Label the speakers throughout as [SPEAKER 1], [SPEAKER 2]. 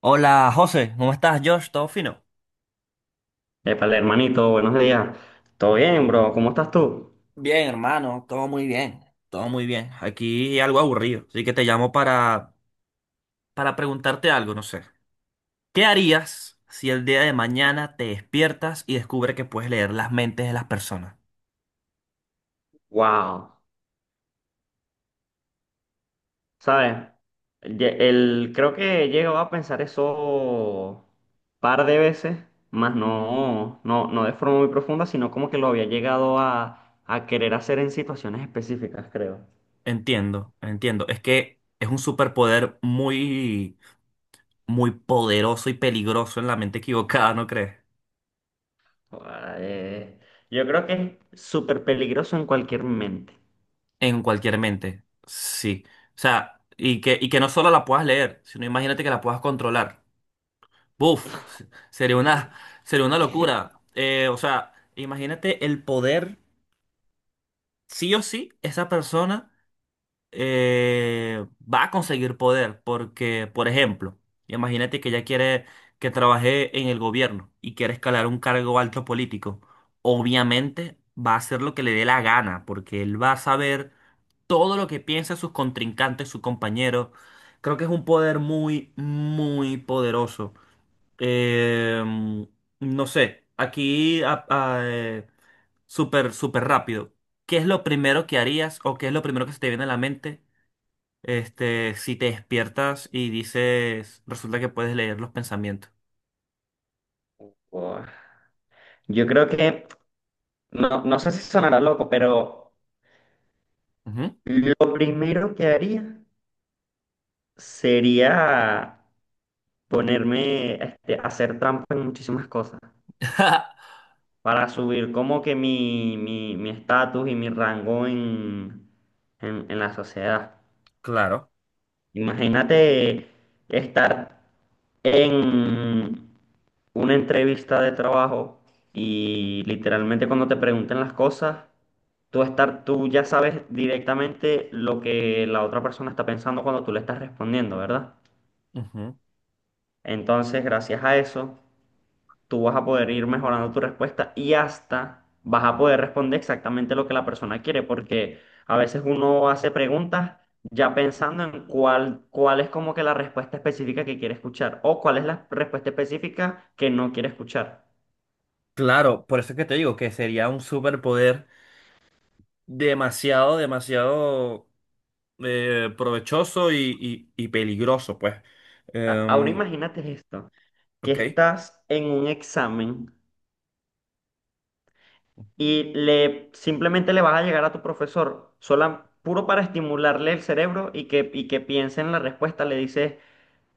[SPEAKER 1] Hola José, ¿cómo estás, Josh? ¿Todo fino?
[SPEAKER 2] Épale, hermanito, buenos días. ¿Todo bien, bro? ¿Cómo estás tú?
[SPEAKER 1] Bien, hermano, todo muy bien. Todo muy bien. Aquí algo aburrido, así que te llamo para preguntarte algo, no sé. ¿Qué harías si el día de mañana te despiertas y descubres que puedes leer las mentes de las personas?
[SPEAKER 2] Wow, ¿sabes? Creo que he llegado a pensar eso par de veces, más no de forma muy profunda, sino como que lo había llegado a querer hacer en situaciones específicas, creo.
[SPEAKER 1] Entiendo, entiendo. Es que es un superpoder muy poderoso y peligroso en la mente equivocada, ¿no crees?
[SPEAKER 2] Guau. eh, yo creo que es súper peligroso en cualquier mente.
[SPEAKER 1] En cualquier mente, sí. O sea, y que no solo la puedas leer, sino imagínate que la puedas controlar. Buf, sería una, sería una locura. O sea, imagínate el poder. Sí o sí, esa persona eh, va a conseguir poder. Porque, por ejemplo, imagínate que ella quiere que trabaje en el gobierno y quiere escalar un cargo alto político. Obviamente va a hacer lo que le dé la gana, porque él va a saber todo lo que piensa sus contrincantes, sus compañeros. Creo que es un poder muy poderoso. Eh, no sé, súper, súper rápido. ¿Qué es lo primero que harías o qué es lo primero que se te viene a la mente, si te despiertas y dices, resulta que puedes leer los pensamientos?
[SPEAKER 2] Guau. Yo creo que, no sé si sonará loco, pero
[SPEAKER 1] Ujú.
[SPEAKER 2] lo primero que haría sería ponerme este, a hacer trampa en muchísimas cosas, para subir como que mi estatus y mi rango en la sociedad.
[SPEAKER 1] Claro,
[SPEAKER 2] Imagínate estar en una entrevista de trabajo y literalmente cuando te pregunten las cosas, tú ya sabes directamente lo que la otra persona está pensando cuando tú le estás respondiendo, ¿verdad?
[SPEAKER 1] ujú.
[SPEAKER 2] Entonces, gracias a eso tú vas a poder ir mejorando tu respuesta y hasta vas a poder responder exactamente lo que la persona quiere, porque a veces uno hace preguntas ya pensando en cuál es como que la respuesta específica que quiere escuchar o cuál es la respuesta específica que no quiere escuchar.
[SPEAKER 1] Claro, por eso es que te digo que sería un superpoder demasiado provechoso y peligroso, pues.
[SPEAKER 2] Ahora
[SPEAKER 1] Em,
[SPEAKER 2] imagínate esto, que
[SPEAKER 1] ok.
[SPEAKER 2] estás en un examen y simplemente le vas a llegar a tu profesor, sola, puro para estimularle el cerebro y y que piense en la respuesta, le dices...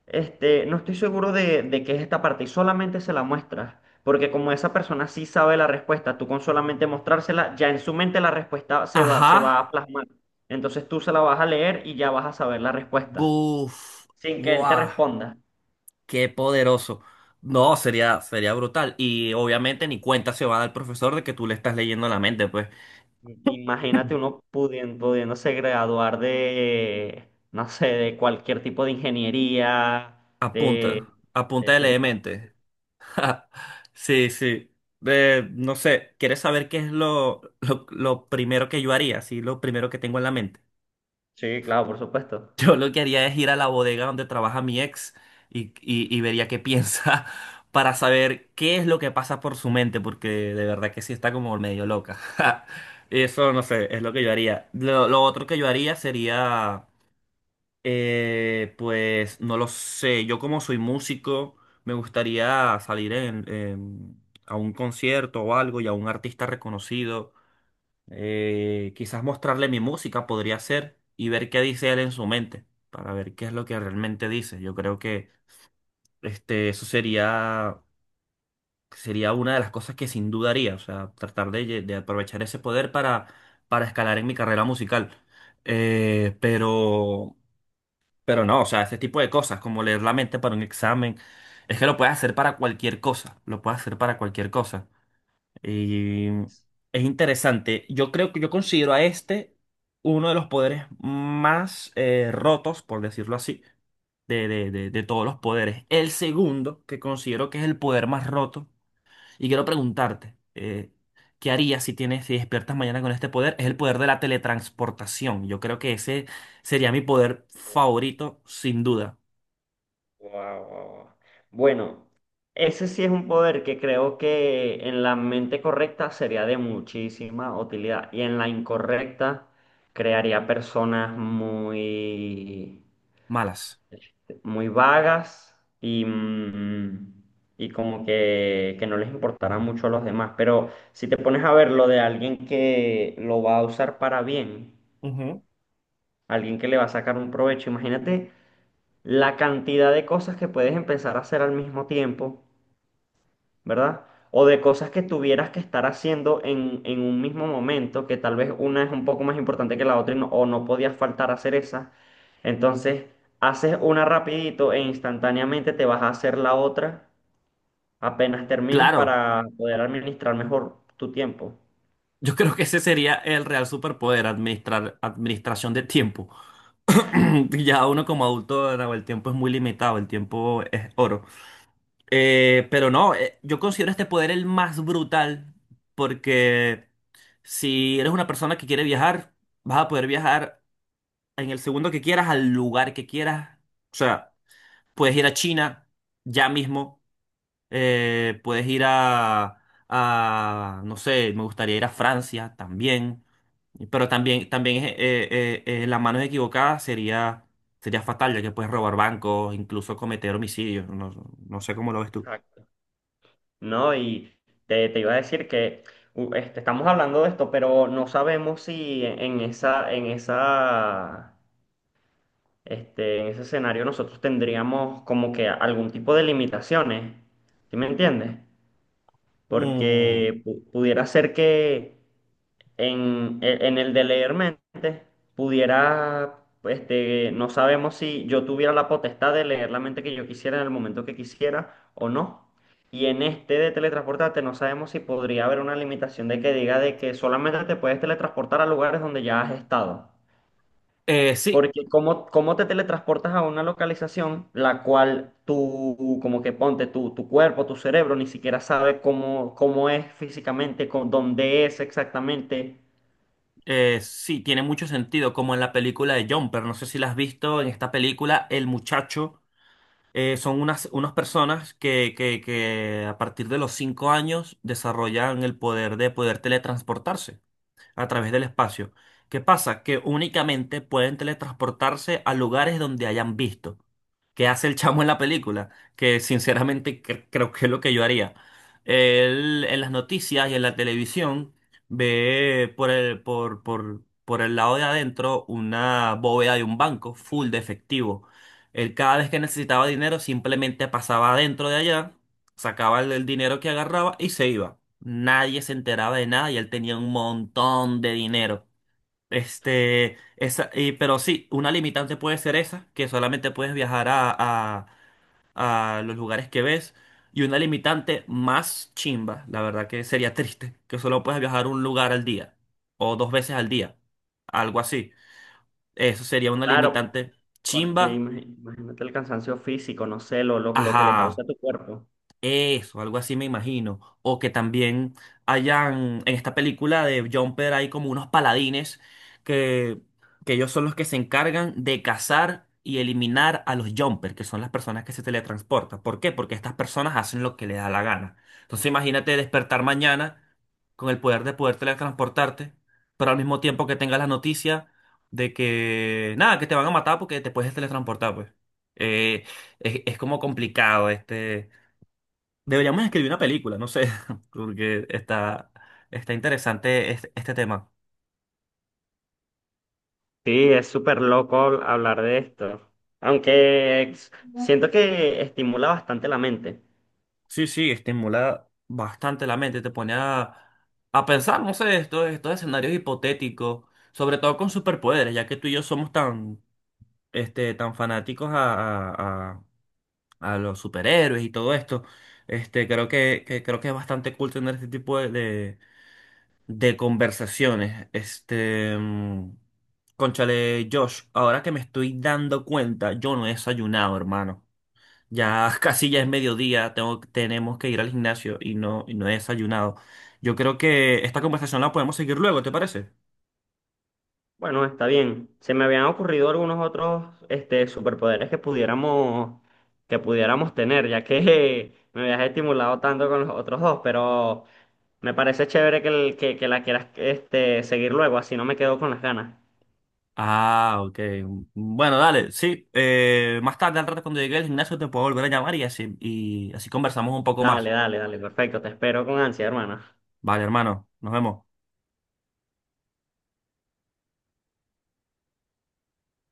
[SPEAKER 2] Este, no estoy seguro de qué es esta parte y solamente se la muestras, porque como esa persona sí sabe la respuesta, tú con solamente mostrársela, ya en su mente la respuesta se va
[SPEAKER 1] Ajá.
[SPEAKER 2] a plasmar. Entonces tú se la vas a leer y ya vas a saber la respuesta,
[SPEAKER 1] Buf,
[SPEAKER 2] sin que él te
[SPEAKER 1] ¡guau,
[SPEAKER 2] responda.
[SPEAKER 1] qué poderoso! No, sería brutal. Y obviamente ni cuenta se va a dar el profesor de que tú le estás leyendo la mente, pues.
[SPEAKER 2] Imagínate uno pudiéndose graduar de, no sé, de cualquier tipo de ingeniería, de, de
[SPEAKER 1] Apunta de
[SPEAKER 2] ese
[SPEAKER 1] leer
[SPEAKER 2] tipo.
[SPEAKER 1] mente. Sí, sí. No sé, ¿quieres saber qué es lo primero que yo haría? Sí, lo primero que tengo en la mente.
[SPEAKER 2] Sí, claro, por supuesto.
[SPEAKER 1] Yo lo que haría es ir a la bodega donde trabaja mi ex y vería qué piensa para saber qué es lo que pasa por su mente, porque de verdad que sí está como medio loca. Eso no sé, es lo que yo haría. Lo otro que yo haría sería, pues, no lo sé, yo como soy músico, me gustaría salir a un concierto o algo y a un artista reconocido. Quizás mostrarle mi música podría ser y ver qué dice él en su mente, para ver qué es lo que realmente dice. Yo creo que eso sería, sería una de las cosas que sin duda haría, o sea, tratar de, de aprovechar ese poder para escalar en mi carrera musical. Eh, pero, pero no, o sea, ese tipo de cosas, como leer la mente para un examen, es que lo puedes hacer para cualquier cosa, lo puedes hacer para cualquier cosa. Y es interesante. Yo creo que yo considero a este uno de los poderes más rotos, por decirlo así, de todos los poderes. El segundo, que considero que es el poder más roto, y quiero preguntarte, ¿qué harías si tienes, si despiertas mañana con este poder? Es el poder de la teletransportación. Yo creo que ese sería mi poder favorito, sin duda.
[SPEAKER 2] Guau, guau, guau. Bueno, ese sí es un poder que creo que en la mente correcta sería de muchísima utilidad y en la incorrecta crearía personas muy,
[SPEAKER 1] Malas.
[SPEAKER 2] muy vagas y, mm, y como que no les importará mucho a los demás. Pero si te pones a ver lo de alguien que lo va a usar para bien,
[SPEAKER 1] Ujú.
[SPEAKER 2] alguien que le va a sacar un provecho, imagínate la cantidad de cosas que puedes empezar a hacer al mismo tiempo, ¿verdad? O de cosas que tuvieras que estar haciendo en un mismo momento, que tal vez una es un poco más importante que la otra y o no podías faltar a hacer esa. Entonces, haces una rapidito e instantáneamente te vas a hacer la otra apenas termines
[SPEAKER 1] Claro.
[SPEAKER 2] para poder administrar mejor tu tiempo.
[SPEAKER 1] Yo creo que ese sería el real superpoder, administrar, administración de tiempo. Ya uno como adulto, Nahuel, el tiempo es muy limitado, el tiempo es oro. Pero no, yo considero este poder el más brutal porque si eres una persona que quiere viajar, vas a poder viajar en el segundo que quieras, al lugar que quieras. O sea, puedes ir a China ya mismo, puedes ir no sé, me gustaría ir a Francia también. Pero también las manos equivocadas sería, sería fatal, ya que puedes robar bancos, incluso cometer homicidios. No, no sé cómo lo ves tú.
[SPEAKER 2] Exacto. ¿No? Y te iba a decir que este, estamos hablando de esto, pero no sabemos si en esa este, en ese escenario nosotros tendríamos como que algún tipo de limitaciones, ¿sí me entiendes?
[SPEAKER 1] Mm.
[SPEAKER 2] Porque pudiera ser que en, en el de leer mente pudiera, este, no sabemos si yo tuviera la potestad de leer la mente que yo quisiera en el momento que quisiera o no. Y en este de teletransportarte no sabemos si podría haber una limitación de que diga de que solamente te puedes teletransportar a lugares donde ya has estado.
[SPEAKER 1] Sí.
[SPEAKER 2] Porque cómo te teletransportas a una localización la cual tú, como que ponte, tu cuerpo, tu cerebro, ni siquiera sabe cómo, cómo es físicamente, con, dónde es exactamente.
[SPEAKER 1] Sí, tiene mucho sentido, como en la película de Jumper. No sé si la has visto. En esta película, el muchacho son unas personas que a partir de los 5 años desarrollan el poder de poder teletransportarse a través del espacio. ¿Qué pasa? Que únicamente pueden teletransportarse a lugares donde hayan visto. ¿Qué hace el chamo en la película? Que sinceramente creo que es lo que yo haría. Él en las noticias y en la televisión ve por el lado de adentro una bóveda de un banco full de efectivo. Él cada vez que necesitaba dinero simplemente pasaba adentro de allá, sacaba el dinero que agarraba y se iba. Nadie se enteraba de nada y él tenía un montón de dinero. Pero sí, una limitante puede ser esa, que solamente puedes viajar a los lugares que ves. Y una limitante más chimba, la verdad que sería triste, que solo puedes viajar un lugar al día o dos veces al día, algo así. Eso sería una
[SPEAKER 2] Claro,
[SPEAKER 1] limitante
[SPEAKER 2] porque
[SPEAKER 1] chimba,
[SPEAKER 2] imagínate el cansancio físico, no sé, lo que le causa
[SPEAKER 1] ajá.
[SPEAKER 2] a tu cuerpo.
[SPEAKER 1] Eso, algo así me imagino. O que también hayan, en esta película de Jumper, hay como unos paladines que, que ellos son los que se encargan de cazar y eliminar a los Jumper, que son las personas que se teletransportan. ¿Por qué? Porque estas personas hacen lo que les da la gana. Entonces imagínate despertar mañana con el poder de poder teletransportarte, pero al mismo tiempo que tengas la noticia de que, nada, que te van a matar porque te puedes teletransportar, pues. Eh, es como complicado deberíamos escribir una película, no sé, porque está, está interesante este tema.
[SPEAKER 2] Sí, es súper loco hablar de esto. Aunque siento que estimula bastante la mente.
[SPEAKER 1] Sí, sí, estimula bastante la mente, te pone a pensar, no sé, estos escenarios hipotéticos, sobre todo con superpoderes, ya que tú y yo somos tan, tan fanáticos a, a- a los superhéroes y todo esto. Creo que, creo que es bastante cool tener este tipo de conversaciones. Cónchale, Josh, ahora que me estoy dando cuenta, yo no he desayunado, hermano. Ya casi ya es mediodía, tenemos que ir al gimnasio y no he desayunado. Yo creo que esta conversación la podemos seguir luego, ¿te parece?
[SPEAKER 2] Bueno, está bien. Se me habían ocurrido algunos otros este, superpoderes que pudiéramos tener, ya que me habías estimulado tanto con los otros dos, pero me parece chévere que, que la quieras este, seguir luego, así no me quedo con las ganas.
[SPEAKER 1] Ah, ok. Bueno, dale, sí. Más tarde, al rato, cuando llegue al gimnasio, te puedo volver a llamar y así conversamos un poco más.
[SPEAKER 2] Dale, dale, dale, perfecto. Te espero con ansia, hermana.
[SPEAKER 1] Vale, hermano, nos vemos.